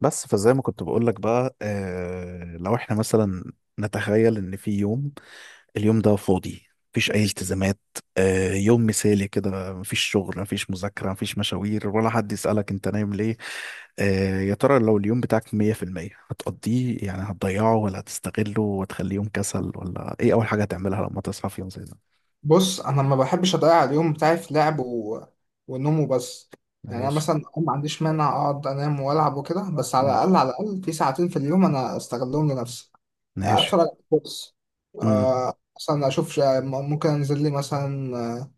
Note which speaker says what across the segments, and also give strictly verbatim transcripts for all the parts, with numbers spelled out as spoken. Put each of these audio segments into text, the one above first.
Speaker 1: بس فزي ما كنت بقول لك بقى آه لو احنا مثلا نتخيل ان في يوم، اليوم ده فاضي، مفيش اي التزامات. آه يوم مثالي كده، مفيش شغل، مفيش مذاكرة، مفيش مشاوير، ولا حد يسألك انت نايم ليه؟ آه يا ترى لو اليوم بتاعك مية في المية هتقضيه، يعني هتضيعه ولا هتستغله وتخليه يوم كسل، ولا ايه اول حاجة هتعملها لما تصحى في يوم زي ده؟
Speaker 2: بص، انا ما بحبش اضيع اليوم بتاعي في لعب و... ونوم وبس. يعني انا
Speaker 1: ماشي.
Speaker 2: مثلا ما عنديش مانع اقعد انام والعب وكده، بس على
Speaker 1: مم.
Speaker 2: الاقل على الاقل في ساعتين في اليوم انا استغلهم لنفسي.
Speaker 1: ماشي.
Speaker 2: اتفرج على كورس،
Speaker 1: امم.
Speaker 2: آه، مثلا اشوف ش- ممكن انزل لي مثلا، آه،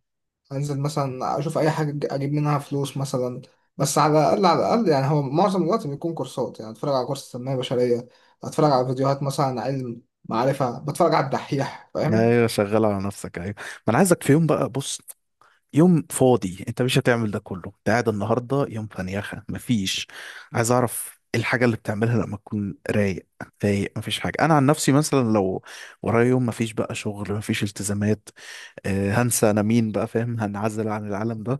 Speaker 2: انزل مثلا اشوف اي حاجه أج- اجيب منها فلوس مثلا. بس على الاقل على الاقل يعني هو معظم الوقت بيكون كورسات، يعني اتفرج على كورس تنميه بشريه، اتفرج على فيديوهات مثلا عن علم معرفه، بتفرج على الدحيح، فاهم؟
Speaker 1: ايوه، شغال على نفسك. ايوه، ما انا عايزك في يوم بقى، بص، يوم فاضي انت مش هتعمل ده كله، انت قاعد النهارده يوم فنيخه مفيش. عايز اعرف ايه الحاجه اللي بتعملها لما تكون رايق فايق مفيش حاجه. انا عن نفسي مثلا لو ورايا يوم مفيش بقى شغل، مفيش التزامات، آه هنسى انا مين بقى، فاهم، هنعزل عن العالم ده.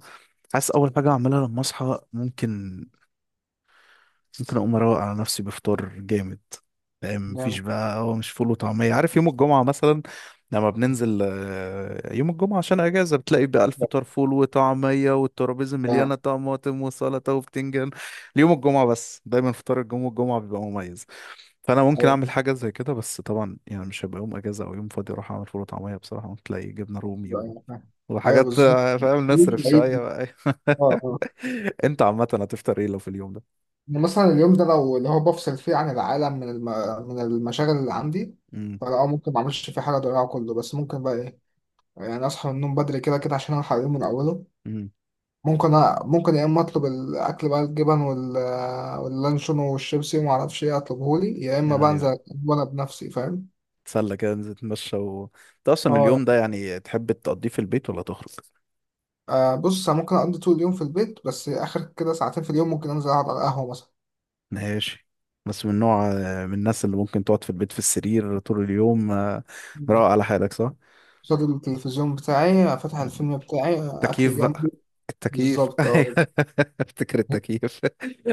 Speaker 1: حاسس اول حاجه اعملها لما اصحى ممكن، ممكن اقوم اروق على نفسي بفطار جامد، فاهم، مفيش
Speaker 2: جامد.
Speaker 1: بقى هو مش فول وطعميه. عارف يوم الجمعه مثلا لما بننزل، آه، يوم الجمعه عشان اجازه، بتلاقي بقى الفطار فول وطعميه، والترابيزه
Speaker 2: جامد.
Speaker 1: مليانه طماطم وسلطه وبتنجان ليوم الجمعه بس. دايما فطار الجمعه، الجمعه بيبقى مميز، فانا ممكن اعمل حاجه زي كده. بس طبعا يعني مش هيبقى يوم اجازه او يوم فاضي اروح اعمل فول وطعميه، بصراحه ممكن تلاقي جبنه رومي
Speaker 2: ايوه،
Speaker 1: و...
Speaker 2: أيوة، فاهم. أيوة
Speaker 1: وحاجات،
Speaker 2: بالظبط،
Speaker 1: آه، فاهم،
Speaker 2: مش
Speaker 1: نصرف شويه
Speaker 2: بعيد.
Speaker 1: بقى.
Speaker 2: اه، اه.
Speaker 1: انت عامه هتفطر ايه لو في اليوم ده؟
Speaker 2: يعني مثلا اليوم ده لو اللي هو بفصل فيه عن العالم من الم... من المشاغل اللي عندي،
Speaker 1: امم.
Speaker 2: فلا، آه، ممكن ما اعملش فيه حاجه اضيعه كله، بس ممكن بقى ايه؟ يعني اصحى من النوم بدري كده كده عشان الحق اليوم من اوله. ممكن أ... ممكن يا اما اطلب الاكل بقى الجبن وال... واللانشون والشيبسي وما اعرفش ايه، اطلبه لي، يا اما بقى
Speaker 1: ايوه.
Speaker 2: انزل وانا بنفسي، فاهم؟
Speaker 1: تسلى كده، ننزل نتمشى و... انت اصلا
Speaker 2: اه،
Speaker 1: اليوم ده يعني تحب تقضيه في البيت ولا تخرج؟
Speaker 2: آه، بص، أنا ممكن اقضي طول اليوم في البيت، بس اخر كده ساعتين في اليوم ممكن انزل اقعد على القهوه.
Speaker 1: ماشي. بس من نوع، من الناس اللي ممكن تقعد في البيت في السرير طول اليوم، آه، مروق
Speaker 2: مثلا
Speaker 1: على حالك صح؟
Speaker 2: قصاد التلفزيون بتاعي، فاتح الفيلم بتاعي، أكل
Speaker 1: تكييف بقى،
Speaker 2: جنبي.
Speaker 1: التكييف
Speaker 2: بالظبط، أه.
Speaker 1: أيوة. افتكر التكييف.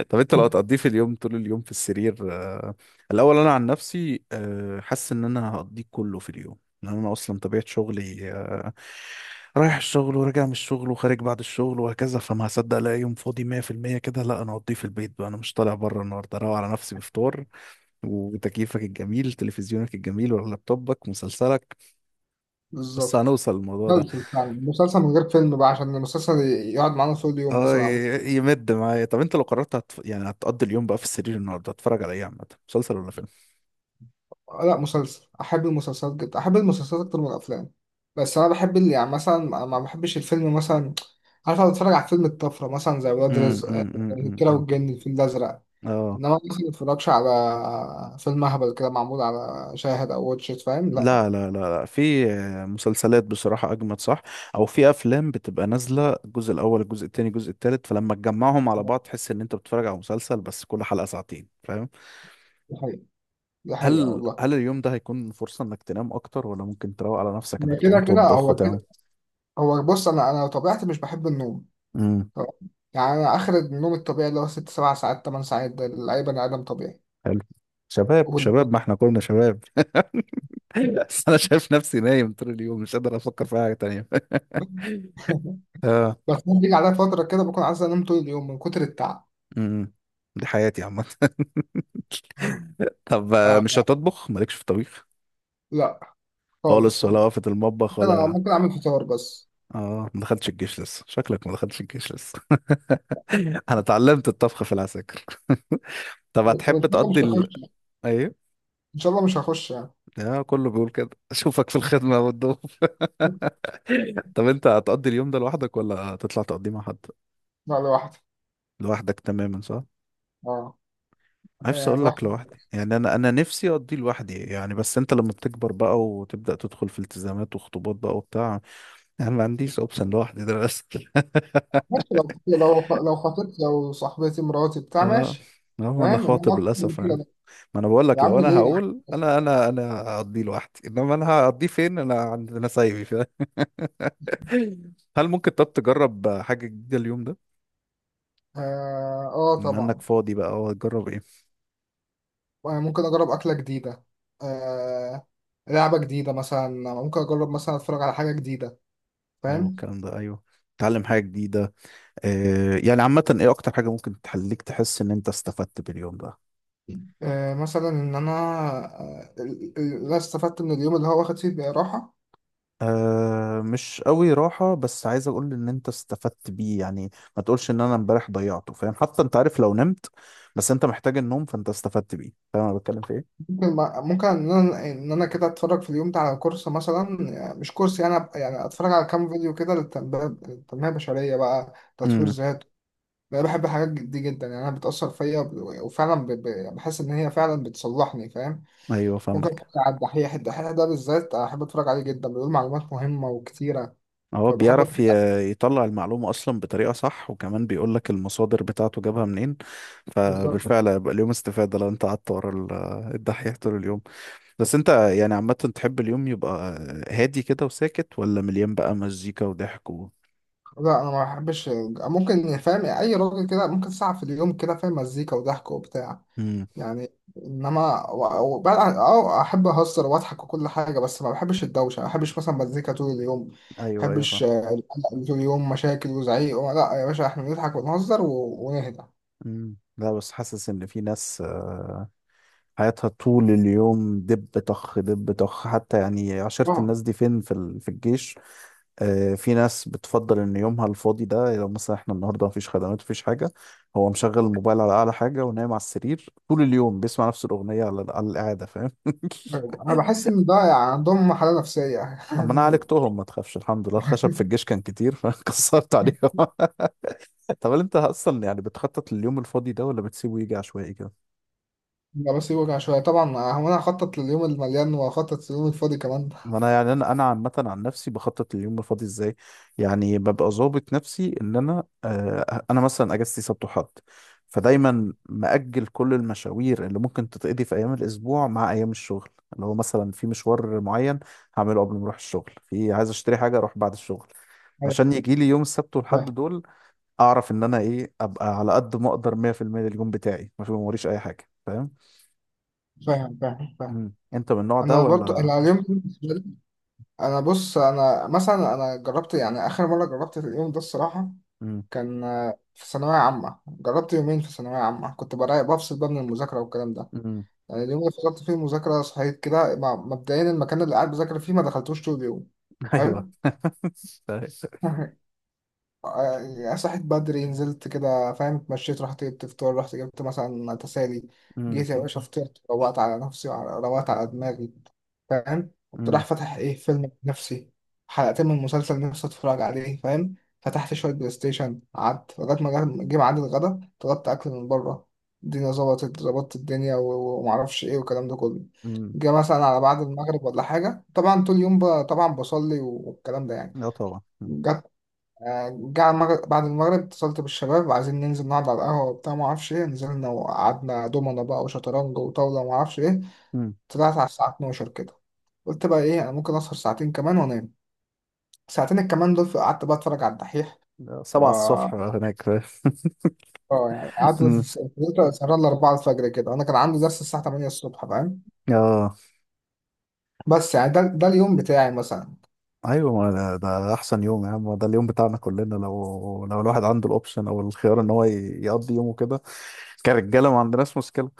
Speaker 1: طب انت لو هتقضيه في اليوم، طول اليوم في السرير، آه، الاول انا عن نفسي، آه، حاسس ان انا هقضيه كله في اليوم، لان انا اصلا طبيعه شغلي، آه، رايح الشغل وراجع من الشغل وخارج بعد الشغل وهكذا، فما هصدق الاقي يوم فاضي مية في المية كده. لا، انا هقضيه في البيت بقى، انا مش طالع بره النهارده، اروق على نفسي بفطار وتكييفك الجميل، تلفزيونك الجميل، ولا لابتوبك مسلسلك. بس
Speaker 2: بالظبط.
Speaker 1: هنوصل للموضوع ده.
Speaker 2: مسلسل، فعلا مسلسل من غير فيلم بقى عشان المسلسل يقعد معانا طول اليوم
Speaker 1: اه،
Speaker 2: مثلا، أو
Speaker 1: ي- يمد معايا. طب انت لو قررت هتف... يعني هتقضي اليوم بقى في السرير النهارده، هتتفرج على ايه عامه، مسلسل ولا فيلم؟
Speaker 2: لا، مسلسل. أحب المسلسلات جدا، أحب المسلسلات أكتر من الأفلام. بس أنا بحب اللي، يعني مثلا ما ما بحبش الفيلم مثلا، عارف؟ أنا بتفرج على فيلم الطفرة مثلا زي ولاد
Speaker 1: امم.
Speaker 2: رزق، آه،
Speaker 1: امم. امم. أمم،
Speaker 2: الكيرة
Speaker 1: أمم.
Speaker 2: والجن، الفيل الأزرق.
Speaker 1: اه.
Speaker 2: إنما مثلا ما بتفرجش على فيلم أهبل كده معمول على شاهد أو واتشت، فاهم؟ لا.
Speaker 1: لا لا لا لا، في مسلسلات بصراحة أجمد، صح، أو في أفلام بتبقى نازلة الجزء الأول، الجزء التاني، الجزء التالت، فلما تجمعهم على بعض تحس إن أنت بتتفرج على مسلسل بس كل حلقة ساعتين، فاهم.
Speaker 2: دي حقيقة، دي حقيقة
Speaker 1: هل
Speaker 2: والله.
Speaker 1: هل اليوم ده هيكون فرصة إنك تنام أكتر، ولا ممكن تروق على نفسك
Speaker 2: هي
Speaker 1: إنك تقوم
Speaker 2: كده كده،
Speaker 1: تطبخ
Speaker 2: هو
Speaker 1: وتعمل؟
Speaker 2: كده. هو بص، انا انا طبيعتي مش بحب النوم،
Speaker 1: امم.
Speaker 2: طبعاً. يعني انا اخر النوم الطبيعي اللي هو ست سبع ساعات، ثمان ساعات، ده لاي بني ادم طبيعي.
Speaker 1: حلو. شباب
Speaker 2: وال-
Speaker 1: شباب، ما إحنا كلنا شباب. ايوه، بس انا شايف نفسي نايم طول اليوم، مش قادر افكر في حاجه تانية. اه.
Speaker 2: بس ممكن بيجي عليا فتره كده بكون عايز انام طول اليوم من كتر التعب.
Speaker 1: امم. دي حياتي عامه. طب، آه،
Speaker 2: آه،
Speaker 1: مش
Speaker 2: لا.
Speaker 1: هتطبخ، مالكش في الطبيخ
Speaker 2: لا خالص
Speaker 1: خالص، ولا
Speaker 2: والله،
Speaker 1: وقفة المطبخ
Speaker 2: انا
Speaker 1: ولا؟
Speaker 2: ممكن اعمل فطار بس.
Speaker 1: اه، ما دخلتش الجيش لسه، شكلك ما دخلتش الجيش لسه. انا اتعلمت الطبخ في العساكر. طب
Speaker 2: وان
Speaker 1: هتحب
Speaker 2: شاء الله مش
Speaker 1: تقضي ال...
Speaker 2: هخش،
Speaker 1: ايه.
Speaker 2: ان شاء الله مش هخش يعني.
Speaker 1: اه، كله بيقول كده، اشوفك في الخدمه والضيوف. طب انت هتقضي اليوم ده لوحدك، ولا هتطلع تقضيه مع حد؟
Speaker 2: لا، لوحدي.
Speaker 1: لوحدك تماما صح؟
Speaker 2: اه،
Speaker 1: نفسي
Speaker 2: آه،
Speaker 1: اقول لك
Speaker 2: لوحدي.
Speaker 1: لوحدي، يعني انا انا نفسي اقضي لوحدي يعني، بس انت لما بتكبر بقى وتبدا تدخل في التزامات وخطوبات بقى وبتاع، يعني ما عنديش اوبشن لوحدي ده للاسف.
Speaker 2: ماشي، لو لو لو خطيبتي، لو صاحبتي، مراتي، بتاع،
Speaker 1: اه.
Speaker 2: ماشي.
Speaker 1: هو انا
Speaker 2: فاهم ان انا
Speaker 1: خاطب
Speaker 2: اكتر من
Speaker 1: للاسف
Speaker 2: كده؟
Speaker 1: يعني.
Speaker 2: لا.
Speaker 1: ما انا بقول
Speaker 2: يا
Speaker 1: لك، لو
Speaker 2: عم
Speaker 1: انا
Speaker 2: ليه يعني؟
Speaker 1: هقول انا انا انا هقضيه لوحدي، انما انا هقضيه فين، انا عند انا سايبي، فاهم؟ هل ممكن، طب تجرب حاجه جديده اليوم ده،
Speaker 2: اه، آه،
Speaker 1: بما انك
Speaker 2: طبعا.
Speaker 1: فاضي بقى، اه، تجرب ايه؟
Speaker 2: ممكن أجرب أكلة جديدة، آه، لعبة جديدة مثلا، ممكن أجرب مثلا أتفرج على حاجة جديدة،
Speaker 1: حلو
Speaker 2: فاهم؟
Speaker 1: الكلام ده، ايوه، تتعلم حاجه جديده. آه، يعني عامة ايه اكتر حاجة ممكن تخليك تحس ان انت استفدت باليوم ده؟
Speaker 2: آه مثلا إن أنا، آه، ال- ال- لا استفدت من اليوم اللي هو واخد فيه راحة.
Speaker 1: أه مش قوي راحة، بس عايز اقول ان انت استفدت بيه يعني، ما تقولش ان انا امبارح ضيعته، فاهم، حتى انت عارف لو نمت بس انت محتاج النوم فانت استفدت بيه، فاهم انا بتكلم في ايه؟
Speaker 2: ممكن، ممكن إن أنا، إن أنا كده أتفرج في اليوم ده على كورس مثلا، يعني مش كورس، يعني أبقى- يعني أتفرج على كام فيديو كده للتنمية، التنمية البشرية بقى، تطوير
Speaker 1: امم.
Speaker 2: ذات. أنا بحب الحاجات دي جدا، يعني أنا بتأثر فيا وب- وفعلا ب- ب- يعني بحس إن هي فعلا بتصلحني، فاهم؟
Speaker 1: ايوه
Speaker 2: ممكن اتفرج
Speaker 1: فاهمك.
Speaker 2: على الدحيح، الدحيح ده بالذات احب اتفرج عليه جدا، بيقول معلومات مهمه وكتيره،
Speaker 1: هو
Speaker 2: فبحب
Speaker 1: بيعرف
Speaker 2: اتفرج عليه.
Speaker 1: ي- يطلع المعلومة اصلا بطريقة صح، وكمان بيقول لك المصادر بتاعته جابها منين،
Speaker 2: بالظبط.
Speaker 1: فبالفعل هيبقى اليوم استفادة لو انت قعدت ورا ال- الدحيح طول اليوم. بس انت يعني عامة تحب اليوم يبقى هادي كده وساكت، ولا مليان بقى مزيكا وضحك و...؟
Speaker 2: لا انا ما بحبش. ممكن، فاهم، اي راجل كده، ممكن ساعه في اليوم كده، فاهم، مزيكا وضحك وبتاع،
Speaker 1: مم.
Speaker 2: يعني. انما و- وبعد عن- اه، احب اهزر واضحك وكل حاجه، بس ما بحبش الدوشه، ما بحبش مثلا مزيكا طول اليوم، ما
Speaker 1: ايوه ايوه فاهم.
Speaker 2: بحبش، آه، القلق اللي طول اليوم، مشاكل وزعيق. لا يا باشا، احنا نضحك ونهزر و- ونهدى.
Speaker 1: مم. لا، بس حاسس ان في ناس، آه، حياتها طول اليوم دب طخ دب طخ، حتى يعني عشرة،
Speaker 2: اه.
Speaker 1: الناس دي فين، في ال- في الجيش آه، في ناس بتفضل ان يومها الفاضي ده، لو مثلا احنا النهارده مفيش خدمات، مفيش حاجه، هو مشغل الموبايل على اعلى حاجه، ونايم على السرير طول اليوم بيسمع نفس الاغنيه على على القعده، فاهم.
Speaker 2: انا بحس ان ده يعني عندهم حاله نفسيه.
Speaker 1: اما انا عالجتهم، ما تخافش، الحمد لله الخشب في الجيش كان كتير، فكسرت عليهم. طب هل انت اصلا يعني بتخطط لليوم الفاضي ده، ولا بتسيبه يجي عشوائي كده؟
Speaker 2: لا، بس يوجع شوية طبعا. آه، هو أنا هخطط لليوم المليان وهخطط لليوم الفاضي كمان.
Speaker 1: ما انا يعني، انا انا عامه عن نفسي بخطط لليوم الفاضي ازاي. يعني ببقى ظابط نفسي ان انا آه انا مثلا اجازتي سبت وحد، فدايما مأجل كل المشاوير اللي ممكن تتقضي في ايام الاسبوع مع ايام الشغل، اللي هو مثلا في مشوار معين هعمله قبل ما اروح الشغل، في عايز اشتري حاجه اروح بعد الشغل،
Speaker 2: أيوة،
Speaker 1: عشان يجي لي يوم السبت والحد
Speaker 2: فاهم
Speaker 1: دول اعرف ان انا ايه، ابقى على قد ما اقدر مية في المية للجون بتاعي، ما في موريش اي حاجه، فاهم.
Speaker 2: فاهم فاهم فاهم.
Speaker 1: مم. انت من النوع ده
Speaker 2: أنا برضو
Speaker 1: ولا؟
Speaker 2: أنا اليوم كله بالنسبة لي- أنا بص، أنا مثلا أنا جربت، يعني آخر مرة جربت اليوم ده الصراحة
Speaker 1: مم.
Speaker 2: كان، آه، في ثانوية عامة. جربت يومين في ثانوية عامة كنت برايق، بفصل بقى من المذاكرة والكلام ده.
Speaker 1: مم.
Speaker 2: يعني اليوم اللي فصلت فيه المذاكرة صحيت كده ما- مبدئيا المكان اللي قاعد بذاكر فيه ما دخلتوش طول اليوم.
Speaker 1: ايوه.
Speaker 2: حلو. آه، صحيت بدري، نزلت كده، فاهم، اتمشيت، رحت جبت فطار، رحت جبت مثلا تسالي،
Speaker 1: مم.
Speaker 2: جيت يا باشا فطرت، روقت على نفسي وعلى- روقت على دماغي، فاهم؟ كنت
Speaker 1: مم.
Speaker 2: رايح فاتح ايه فيلم بنفسي، حلقتين من مسلسل نفسي اتفرج عليه، فاهم؟ فتحت شوية بلاي ستيشن، قعدت لغاية ما جه جه ميعاد الغدا، طلبت أكل من بره، الدنيا ظبطت، ظبطت الدنيا، و- و- ومعرفش ايه والكلام ده كله.
Speaker 1: مم.
Speaker 2: جه مثلا على بعد المغرب ولا حاجة، طبعا طول اليوم ب- طبعا بصلي والكلام ده يعني.
Speaker 1: اه طبعا. مم.
Speaker 2: آه، جه على المغرب، بعد المغرب اتصلت بالشباب عايزين ننزل نقعد على القهوة وبتاع ما اعرفش ايه. نزلنا وقعدنا، دومنا بقى وشطرنج وطاولة ما اعرفش ايه.
Speaker 1: مم.
Speaker 2: طلعت على الساعة اثنا عشر كده، قلت بقى ايه، انا ممكن اسهر ساعتين كمان وانام. ساعتين الكمان دول قعدت بقى اتفرج على الدحيح
Speaker 1: ده
Speaker 2: و،
Speaker 1: سبعة الصبح هناك، فاهم.
Speaker 2: اه، يعني قعدت
Speaker 1: مم.
Speaker 2: في الكمبيوتر سهران ل اربعة الفجر كده، انا كان عندي درس الساعة تمانية الصبح، فاهم؟
Speaker 1: اه،
Speaker 2: بس يعني ده, ده اليوم بتاعي مثلا.
Speaker 1: ايوه، ما ده, ده احسن يوم يا عم، ده اليوم بتاعنا كلنا، لو لو الواحد عنده الاوبشن او الخيار ان هو ي- يقضي يومه كده كرجاله، ما عندناش مشكله.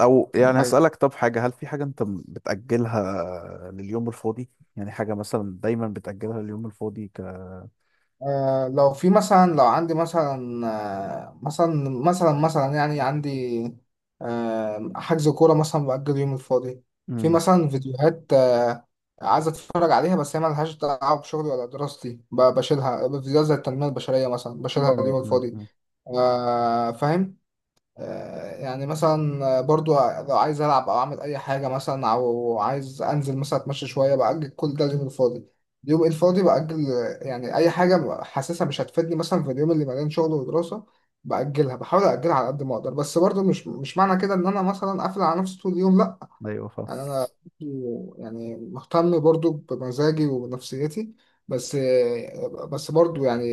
Speaker 1: او يعني هسألك، طب حاجة، هل في حاجة انت م- بتأجلها لليوم الفاضي؟ يعني حاجة مثلا دايما بتأجلها لليوم الفاضي، ك...
Speaker 2: آه لو في مثلا، لو عندي مثلا، آه، مثلا، مثلا، مثلا، يعني عندي، آه، حجز كورة مثلا بأجل يوم الفاضي. في
Speaker 1: امم.
Speaker 2: مثلا فيديوهات، آه، عايز أتفرج عليها بس هي ملهاش دعوة بشغلي ولا دراستي، ب- بشيلها، فيديوهات زي التنمية البشرية مثلا بشيلها
Speaker 1: امم.
Speaker 2: اليوم
Speaker 1: امم.
Speaker 2: الفاضي.
Speaker 1: أمم.
Speaker 2: آه فاهم. آه، يعني مثلا برضو لو عايز ألعب أو أعمل أي حاجة مثلا، أو عايز أنزل مثلا أتمشى شوية، بأجل كل ده اليوم الفاضي، اليوم الفاضي بأجل. يعني أي حاجة حاسسها مش هتفيدني مثلا في اليوم اللي مليان شغل ودراسة بأجلها، بحاول أأجلها على قد ما أقدر. بس برضو مش مش معنى كده إن أنا مثلا قافل على نفسي طول اليوم، لأ.
Speaker 1: ايوه فاهم.
Speaker 2: يعني انا، يعني مهتم برضو بمزاجي وبنفسيتي. بس، بس برضو يعني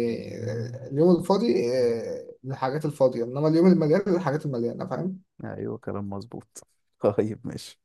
Speaker 2: اليوم الفاضي، آه، للحاجات الفاضية، انما اليوم المليان للحاجات المليانة، فاهم؟
Speaker 1: ايوه كلام مظبوط. طيب، ماشي.